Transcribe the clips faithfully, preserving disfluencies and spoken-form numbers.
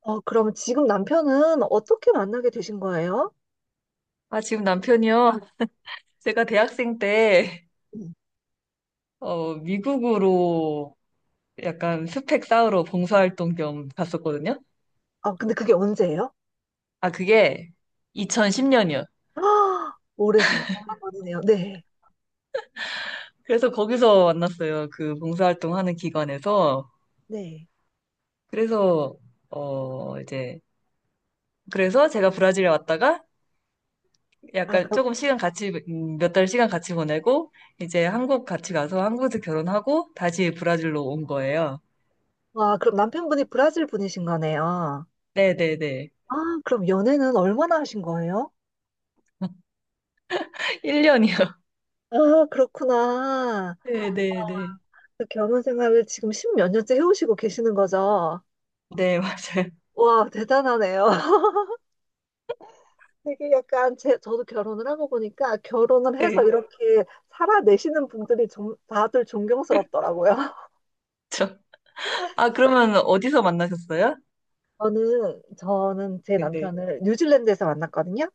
어, 그럼 지금 남편은 어떻게 만나게 되신 거예요? 아, 지금 남편이요? 제가 대학생 때, 음. 어, 미국으로 약간 스펙 쌓으러 봉사활동 겸 갔었거든요? 아, 근데 그게 언제예요? 아, 그게 이천십 년이요. 아, 해는 전이네요. 네, 그래서 거기서 만났어요. 그 봉사활동 하는 기관에서. 네. 그래서, 어, 이제, 그래서 제가 브라질에 왔다가 아, 약간 그럼. 조금 시간 같이, 몇 달 시간 같이 보내고, 이제 한국 같이 가서 한국에서 결혼하고 다시 브라질로 온 거예요. 와, 그럼 남편분이 브라질 분이신 거네요. 네네네. 아, 그럼 연애는 얼마나 하신 거예요? 일 년이요. 아, 그렇구나. 네네네. 네, 네, 네. 그 결혼 생활을 지금 십몇 년째 해오시고 계시는 거죠? 네, 맞아요. 와, 대단하네요. 되게 약간 제, 저도 결혼을 하고 보니까 결혼을 네. 해서 이렇게 살아내시는 분들이 좀 다들 존경스럽더라고요. 저. 아, 그러면 어디서 만나셨어요? 저는, 저는 제 네, 네. 남편을 뉴질랜드에서 만났거든요.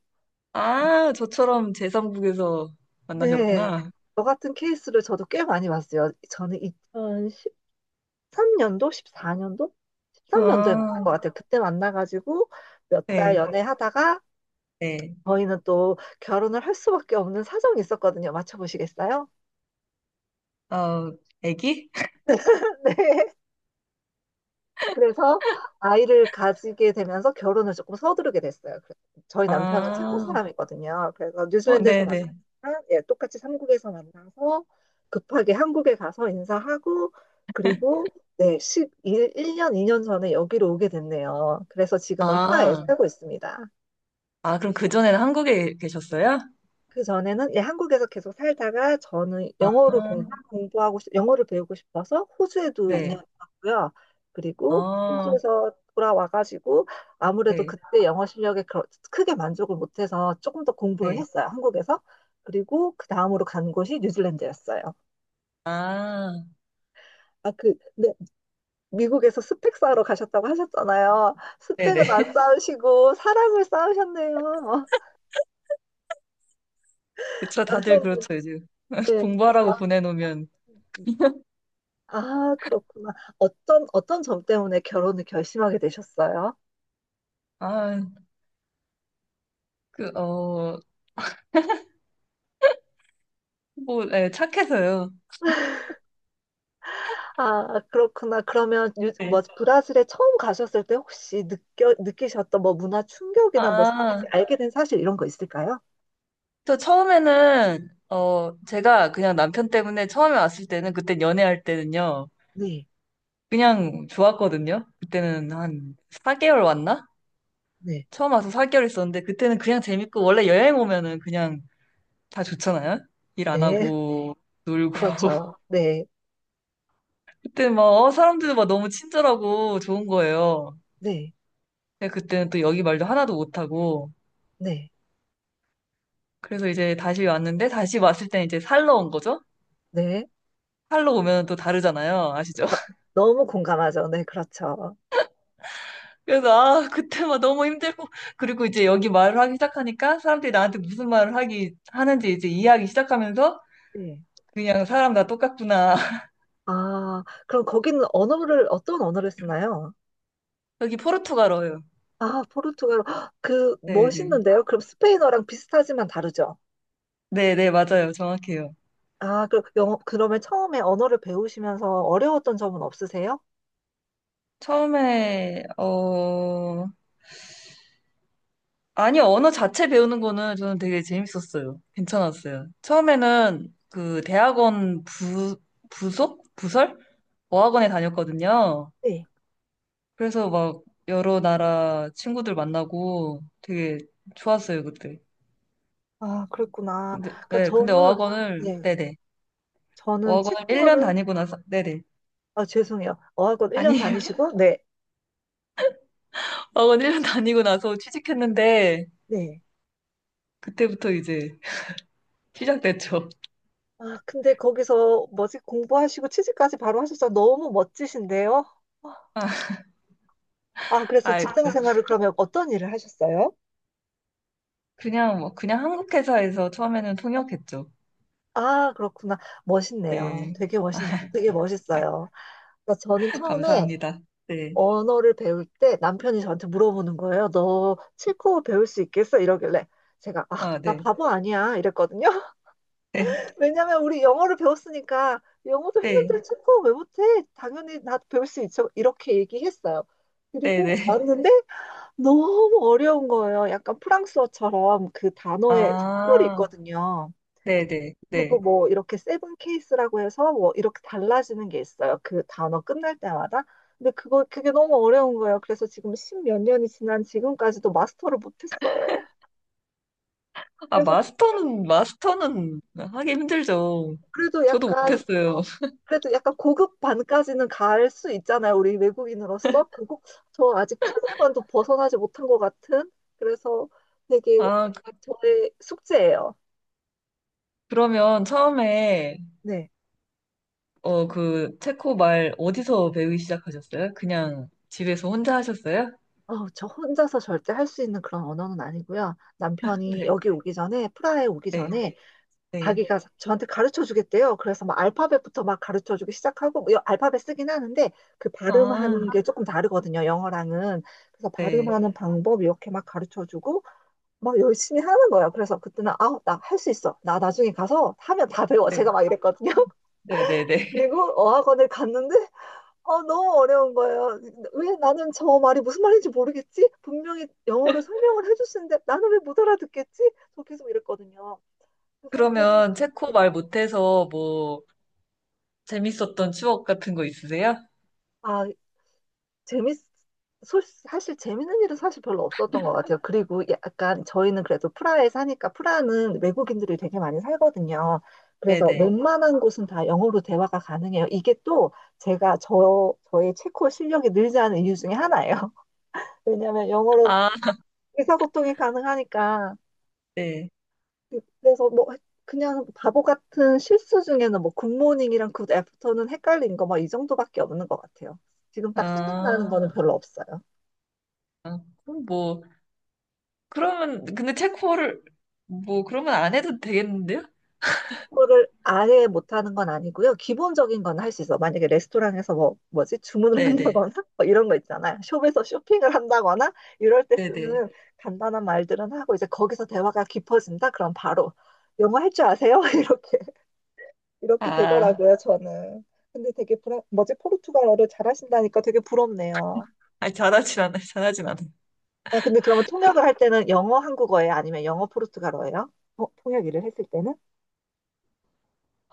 아, 저처럼 제삼 국에서 네. 만나셨구나. 저 같은 케이스를 저도 꽤 많이 봤어요. 저는 이천십삼 년도, 십사 년도? 십삼 년도에 만난 것 아, 같아요. 그때 만나가지고 몇 달 네, 연애하다가 네. 저희는 또 결혼을 할 수밖에 없는 사정이 있었거든요. 맞춰보시겠어요? 어, 애기? 네. 그래서 아이를 가지게 되면서 결혼을 조금 서두르게 됐어요. 그래서 저희 남편은 체코 아, 사람이거든요. 그래서 어, 뉴질랜드에서 네, 만나서 네. 예, 똑같이 삼국에서 만나서 급하게 한국에 가서 인사하고 그리고 네, 일 일 년 이 년 전에 여기로 오게 됐네요. 그래서 지금은 프라하에 아, 살고 있습니다. 아, 그럼 그전에는 한국에 계셨어요? 그 전에는 예, 한국에서 계속 살다가 저는 아, 영어를 공, 부하고 영어를 배우고 싶어서 호주에도 네. 이 년 있었고요. 그리고 아. 호주에서 돌아와가지고 아무래도 네, 그때 영어 실력에 그렇- 크게 만족을 못해서 조금 더 공부를 네. 했어요. 한국에서. 그리고 그 다음으로 간 곳이 뉴질랜드였어요. 아, 아, 그, 근데 미국에서 스펙 쌓으러 가셨다고 하셨잖아요. 네, 네. 스펙은 안 쌓으시고 사랑을 쌓으셨네요. 그쵸, 다들 남편분, 그렇죠, 요즘. 네. 공부하라고 그러니까 보내놓으면. 아, 그렇구나. 어떤, 어떤 점 때문에 결혼을 결심하게 되셨어요? 아, 그, 어, 뭐, 네, 착해서요. 아, 그렇구나. 그러면, 유, 뭐, 네. 브라질에 처음 가셨을 때 혹시 느껴, 느끼셨던 뭐 문화 충격이나 뭐, 사- 아, 알게 된 사실 이런 거 있을까요? 저 처음에는 어 제가 그냥 남편 때문에 처음에 왔을 때는 그때 연애할 때는요. 네, 그냥 좋았거든요. 그때는 한 사 개월 왔나? 네, 처음 와서 사 개월 있었는데 그때는 그냥 재밌고 원래 여행 오면은 그냥 다 좋잖아요. 일 안 네. 하고 놀고 그렇죠. 네, 그때 막 어, 사람들도 막 너무 친절하고 좋은 거예요. 네, 근데 그때는 또 여기 말도 하나도 못하고 네, 그래서 이제 다시 왔는데 다시 왔을 때 이제 살러 온 거죠. 네. 살러 오면 또 다르잖아요. 아시죠? 너, 너무 공감하죠. 네, 그렇죠. 그래서 아 그때만 너무 힘들고 그리고 이제 여기 말을 하기 시작하니까 사람들이 나한테 무슨 말을 하기 하는지 이제 이해하기 시작하면서 네. 그냥 사람 다 똑같구나. 아, 그럼 거기는 언어를, 어떤 언어를 쓰나요? 여기 포르투갈어예요. 아, 포르투갈어. 헉, 그, 네, 네. 멋있는데요? 그럼 스페인어랑 비슷하지만 다르죠? 네, 네, 맞아요. 정확해요. 아, 그, 영어, 그러면 처음에 언어를 배우시면서 어려웠던 점은 없으세요? 처음에 어 아니 언어 자체 배우는 거는 저는 되게 재밌었어요. 괜찮았어요. 처음에는 그 대학원 부 부속 부설 어학원에 다녔거든요. 네. 그래서 막 여러 나라 친구들 만나고 되게 좋았어요, 그때. 아, 그랬구나. 근데, 그러니까 네, 근데 저는, 어학원을, 네, 네네. 저는 어학원을 일 년 체코어를. 다니고 나서, 네네. 아, 죄송해요. 어학원 일 년 아니, 다니시고, 네, 어학원 일 년 다니고 나서 취직했는데, 네. 그때부터 이제 시작됐죠. 아, 근데 거기서 뭐지, 공부하시고 취직까지 바로 하셨어. 너무 멋지신데요? 아, 아, 그래서 아, 직장 생활을 그러면 어떤 일을 하셨어요? 그냥, 뭐, 그냥 한국 회사에서 처음에는 통역했죠. 아, 그렇구나. 멋있네요. 네. 되게 멋있, 되게 멋있어요. 그러니까 저는 처음에 감사합니다. 네. 언어를 배울 때 남편이 저한테 물어보는 거예요. 너 체코어 배울 수 있겠어? 이러길래 제가 아, 아, 나 네. 바보 아니야 이랬거든요. 네. 왜냐면 우리 영어를 배웠으니까 영어도 네. 했는데 체코어 왜 못해? 당연히 나 배울 수 있어. 이렇게 얘기했어요. 그리고 네네. 왔는데 너무 어려운 거예요. 약간 프랑스어처럼 그 단어에 속별이 아, 있거든요. 네네. 네. 그리고 네. 뭐 이렇게 세븐 케이스라고 해서 뭐 이렇게 달라지는 게 있어요. 그 단어 끝날 때마다. 근데 그거 그게 너무 어려운 거예요. 그래서 지금 십몇 년이 지난 지금까지도 마스터를 못했어요. 아, 그래서 마스터는, 마스터는 하기 힘들죠. 그래도 저도 약간 못했어요. 그래도 약간 고급 반까지는 갈 수 있잖아요. 우리 외국인으로서 그리고 저 아직 초급반도 벗어나지 못한 것 같은. 그래서 되게 아, 그, 저의 숙제예요. 그러면 처음에, 네. 어, 그, 체코 말 어디서 배우기 시작하셨어요? 그냥 집에서 혼자 하셨어요? 어, 저 혼자서 절대 할 수 있는 그런 언어는 아니고요. 남편이 네, 여기 오기 전에, 프라하에 오기 네, 전에 네. 자기가 저한테 가르쳐 주겠대요. 그래서 막 알파벳부터 막 가르쳐 주기 시작하고, 뭐 여- 알파벳 쓰긴 하는데, 그 아, 발음하는 게 조금 다르거든요, 영어랑은. 그래서 네, 발음하는 방법 이렇게 막 가르쳐 주고, 막 열심히 하는 거예요. 그래서 그때는, 아, 나 할 수 있어. 나 나중에 가서 하면 다 배워. 네, 제가 막 이랬거든요. 네, 네, 네. 그리고 어학원을 갔는데, 어, 너무 어려운 거예요. 왜 나는 저 말이 무슨 말인지 모르겠지? 분명히 영어로 설명을 해줬는데, 나는 왜 못 알아듣겠지? 저 계속 이랬거든요. 그 상태로. 그러면 체코 네. 말 못해서 뭐, 재밌었던 추억 같은 거 있으세요? 아, 재밌, 솔- 사실 재밌는 일은 사실 별로 없었던 것 같아요. 그리고 약간 저희는 그래도 프라하에 사니까 프라하는 외국인들이 되게 많이 살거든요. 네, 그래서 네. 웬만한 곳은 다 영어로 대화가 가능해요. 이게 또 제가 저, 저의 체코 실력이 늘지 않은 이유 중에 하나예요. 왜냐하면 영어로 아, 의사소통이 가능하니까. 네. 그래서 뭐 그냥 바보 같은 실수 중에는 뭐 굿모닝이랑 굿애프터는 헷갈린 거 막 이 정도밖에 없는 것 같아요. 지금 딱 생각나는 아, 거는 별로 없어요. 그럼 뭐, 그러면, 근데 체코를, 뭐, 그러면 안 해도 되겠는데요? 그거를 아예 못하는 건 아니고요. 기본적인 건 할 수 있어. 만약에 레스토랑에서 뭐, 뭐지? 주문을 네네. 한다거나, 뭐 이런 거 있잖아요. 숍에서 쇼핑을 한다거나, 이럴 때 네네. 쓰는 간단한 말들은 하고, 이제 거기서 대화가 깊어진다? 그럼 바로, 영어 할 줄 아세요? 이렇게, 이렇게 아, 되더라고요, 저는. 근데 되게 불안, 뭐지? 포르투갈어를 잘하신다니까 되게 부럽네요. 아 잘하진 않아요. 잘하진 않아요. 아, 근데 그러면 통역을 할 때는 영어 한국어예요? 아니면 영어 포르투갈어예요? 어, 통역 일을 했을 때는?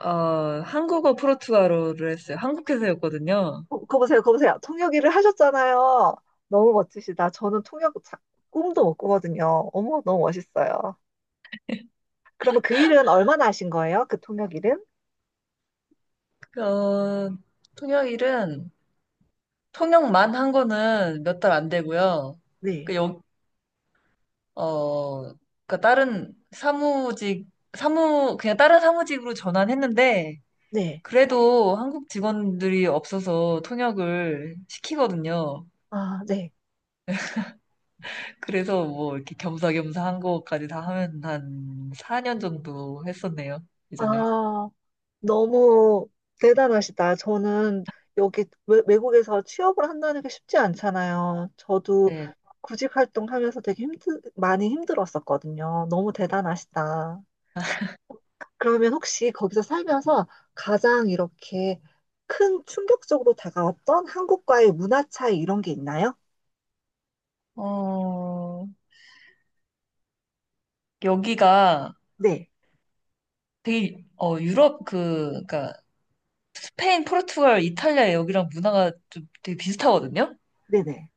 어, 한국어 프로투아로를 했어요. 한국 회사였거든요. 어, 거 보세요, 거 보세요. 통역일을 하셨잖아요. 너무 멋지시다. 저는 통역 자- 꿈도 못 꾸거든요. 어머, 너무 멋있어요. 그러면 그 일은 얼마나 하신 거예요? 그 통역 일은? 어, 통역일은, 통역만 한 거는 몇 달 안 되고요. 네, 그, 여, 어, 그니까 다른 사무직, 사무, 그냥 다른 사무직으로 전환했는데, 네, 그래도 한국 직원들이 없어서 통역을 시키거든요. 아, 네. 그래서 뭐 이렇게 겸사겸사 한 거까지 다 하면 한 사 년 정도 했었네요, 예전에. 아, 너무 대단하시다. 저는 여기 외, 외국에서 취업을 한다는 게 쉽지 않잖아요. 저도 네. 구직 활동하면서 되게 힘들, 많이 힘들었었거든요. 너무 대단하시다. 그러면 혹시 거기서 살면서 가장 이렇게 큰 충격적으로 다가왔던 한국과의 문화 차이 이런 게 있나요? 어, 여기가 네, 되게, 어, 유럽 그, 그러니까 스페인, 포르투갈, 이탈리아 여기랑 문화가 좀 되게 비슷하거든요? 네네.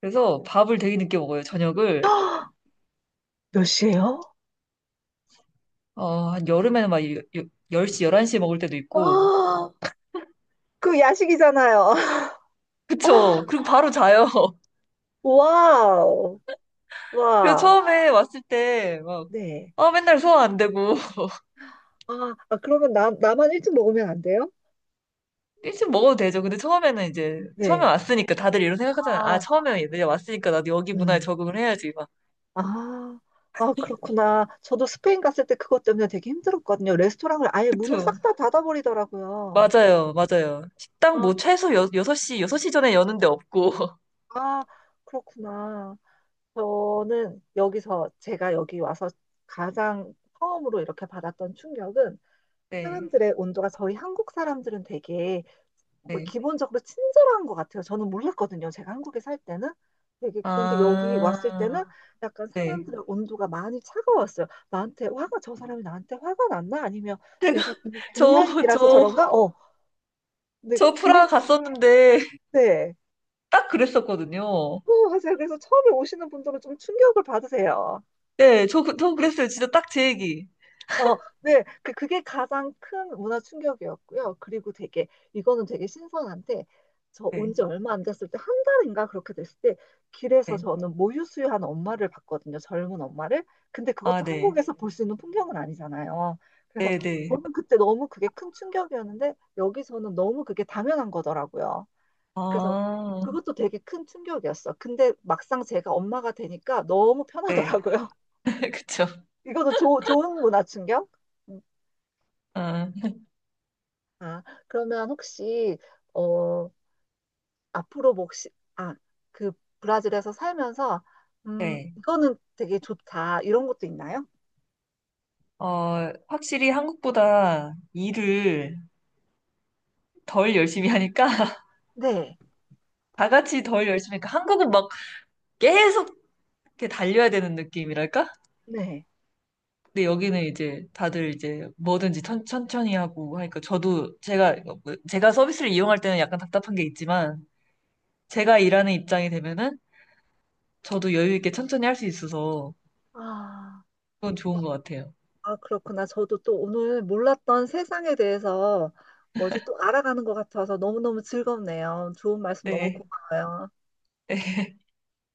그래서 밥을 되게 늦게 먹어요, 저녁을. 헉, 몇 시예요? 어, 한 여름에는 막 여- 여- 열 시, 열한 시에 먹을 때도 있고. 아, 그 야식이잖아요. 그쵸. 아, 그리고 바로 자요. 와우, 그래서 와, 처음에 왔을 때 막, 네. 아, 맨날 소화 안 되고. 아, 아, 그러면 나, 나만 일찍 먹으면 안 돼요? 일찍 먹어도 되죠. 근데 처음에는 이제, 처음에 네. 왔으니까 다들 이런 생각하잖아요. 아, 아, 처음에 얘들이 왔으니까 나도 여기 문화에 음. 적응을 해야지, 막. 아, 아, 그렇구나. 저도 스페인 갔을 때 그것 때문에 되게 힘들었거든요. 레스토랑을 아예 문을 그쵸. 싹 다 닫아버리더라고요. 맞아요, 맞아요. 식당 뭐 최소 여, 여섯 시, 여섯 시 전에 여는 데 없고. 아, 그렇구나. 저는 여기서 제가 여기 와서 가장 처음으로 이렇게 받았던 충격은 네, 사람들의 온도가 저희 한국 사람들은 되게 뭐 네. 기본적으로 친절한 것 같아요. 저는 몰랐거든요. 제가 한국에 살 때는. 되게 그런데 여기 왔을 아, 때는 약간 네. 사람들의 온도가 많이 차가웠어요. 나한테 화가 저 사람이 나한테 화가 났나? 아니면 내가 저, 동양인이라서 저, 저런가? 어, 저 프라하 근데 갔었는데, 그랬대. 딱 그랬었거든요. 어, 맞아요. 그래서 처음에 오시는 분들은 좀 충격을 받으세요. 네, 저, 그- 저 그랬어요. 진짜 딱 제 얘기. 어, 네, 그, 그게 가장 큰 문화 충격이었고요. 그리고 되게, 이거는 되게 신선한데, 저 온 네, 지 얼마 안 됐을 때, 한 달인가 그렇게 됐을 때, 길에서 네. 저는 모유수유하는 엄마를 봤거든요. 젊은 엄마를. 근데 아, 그것도 네. 한국에서 볼 수 있는 풍경은 아니잖아요. 그래서 네, 네. 저는 그때 너무 그게 큰 충격이었는데, 여기서는 너무 그게 당연한 거더라고요. 그래서 아, 그것도 되게 큰 충격이었어. 근데 막상 제가 엄마가 되니까 너무 네. 편하더라고요. 그쵸. 이것도 조, 좋은 문화 충격? 아, 아, 그러면 혹시, 어, 앞으로 혹시, 아, 그 브라질에서 살면서, 음, 네. 이거는 되게 좋다. 이런 것도 있나요? 어, 확실히 한국보다 일을 덜 열심히 하니까 네, 다 같이 덜 열심히 하니까 한국은 막 계속 이렇게 달려야 되는 느낌이랄까? 네. 근데 여기는 이제 다들 이제 뭐든지 천, 천히 하고 하니까 저도 제가 제가 서비스를 이용할 때는 약간 답답한 게 있지만 제가 일하는 입장이 되면은 저도 여유 있게 천천히 할 수 있어서 아, 그건 좋은 것 같아요. 아, 그렇구나. 저도 또 오늘 몰랐던 세상에 대해서 뭐지 또 알아가는 것 같아서 너무너무 즐겁네요. 좋은 말씀 너무 네. 고마워요.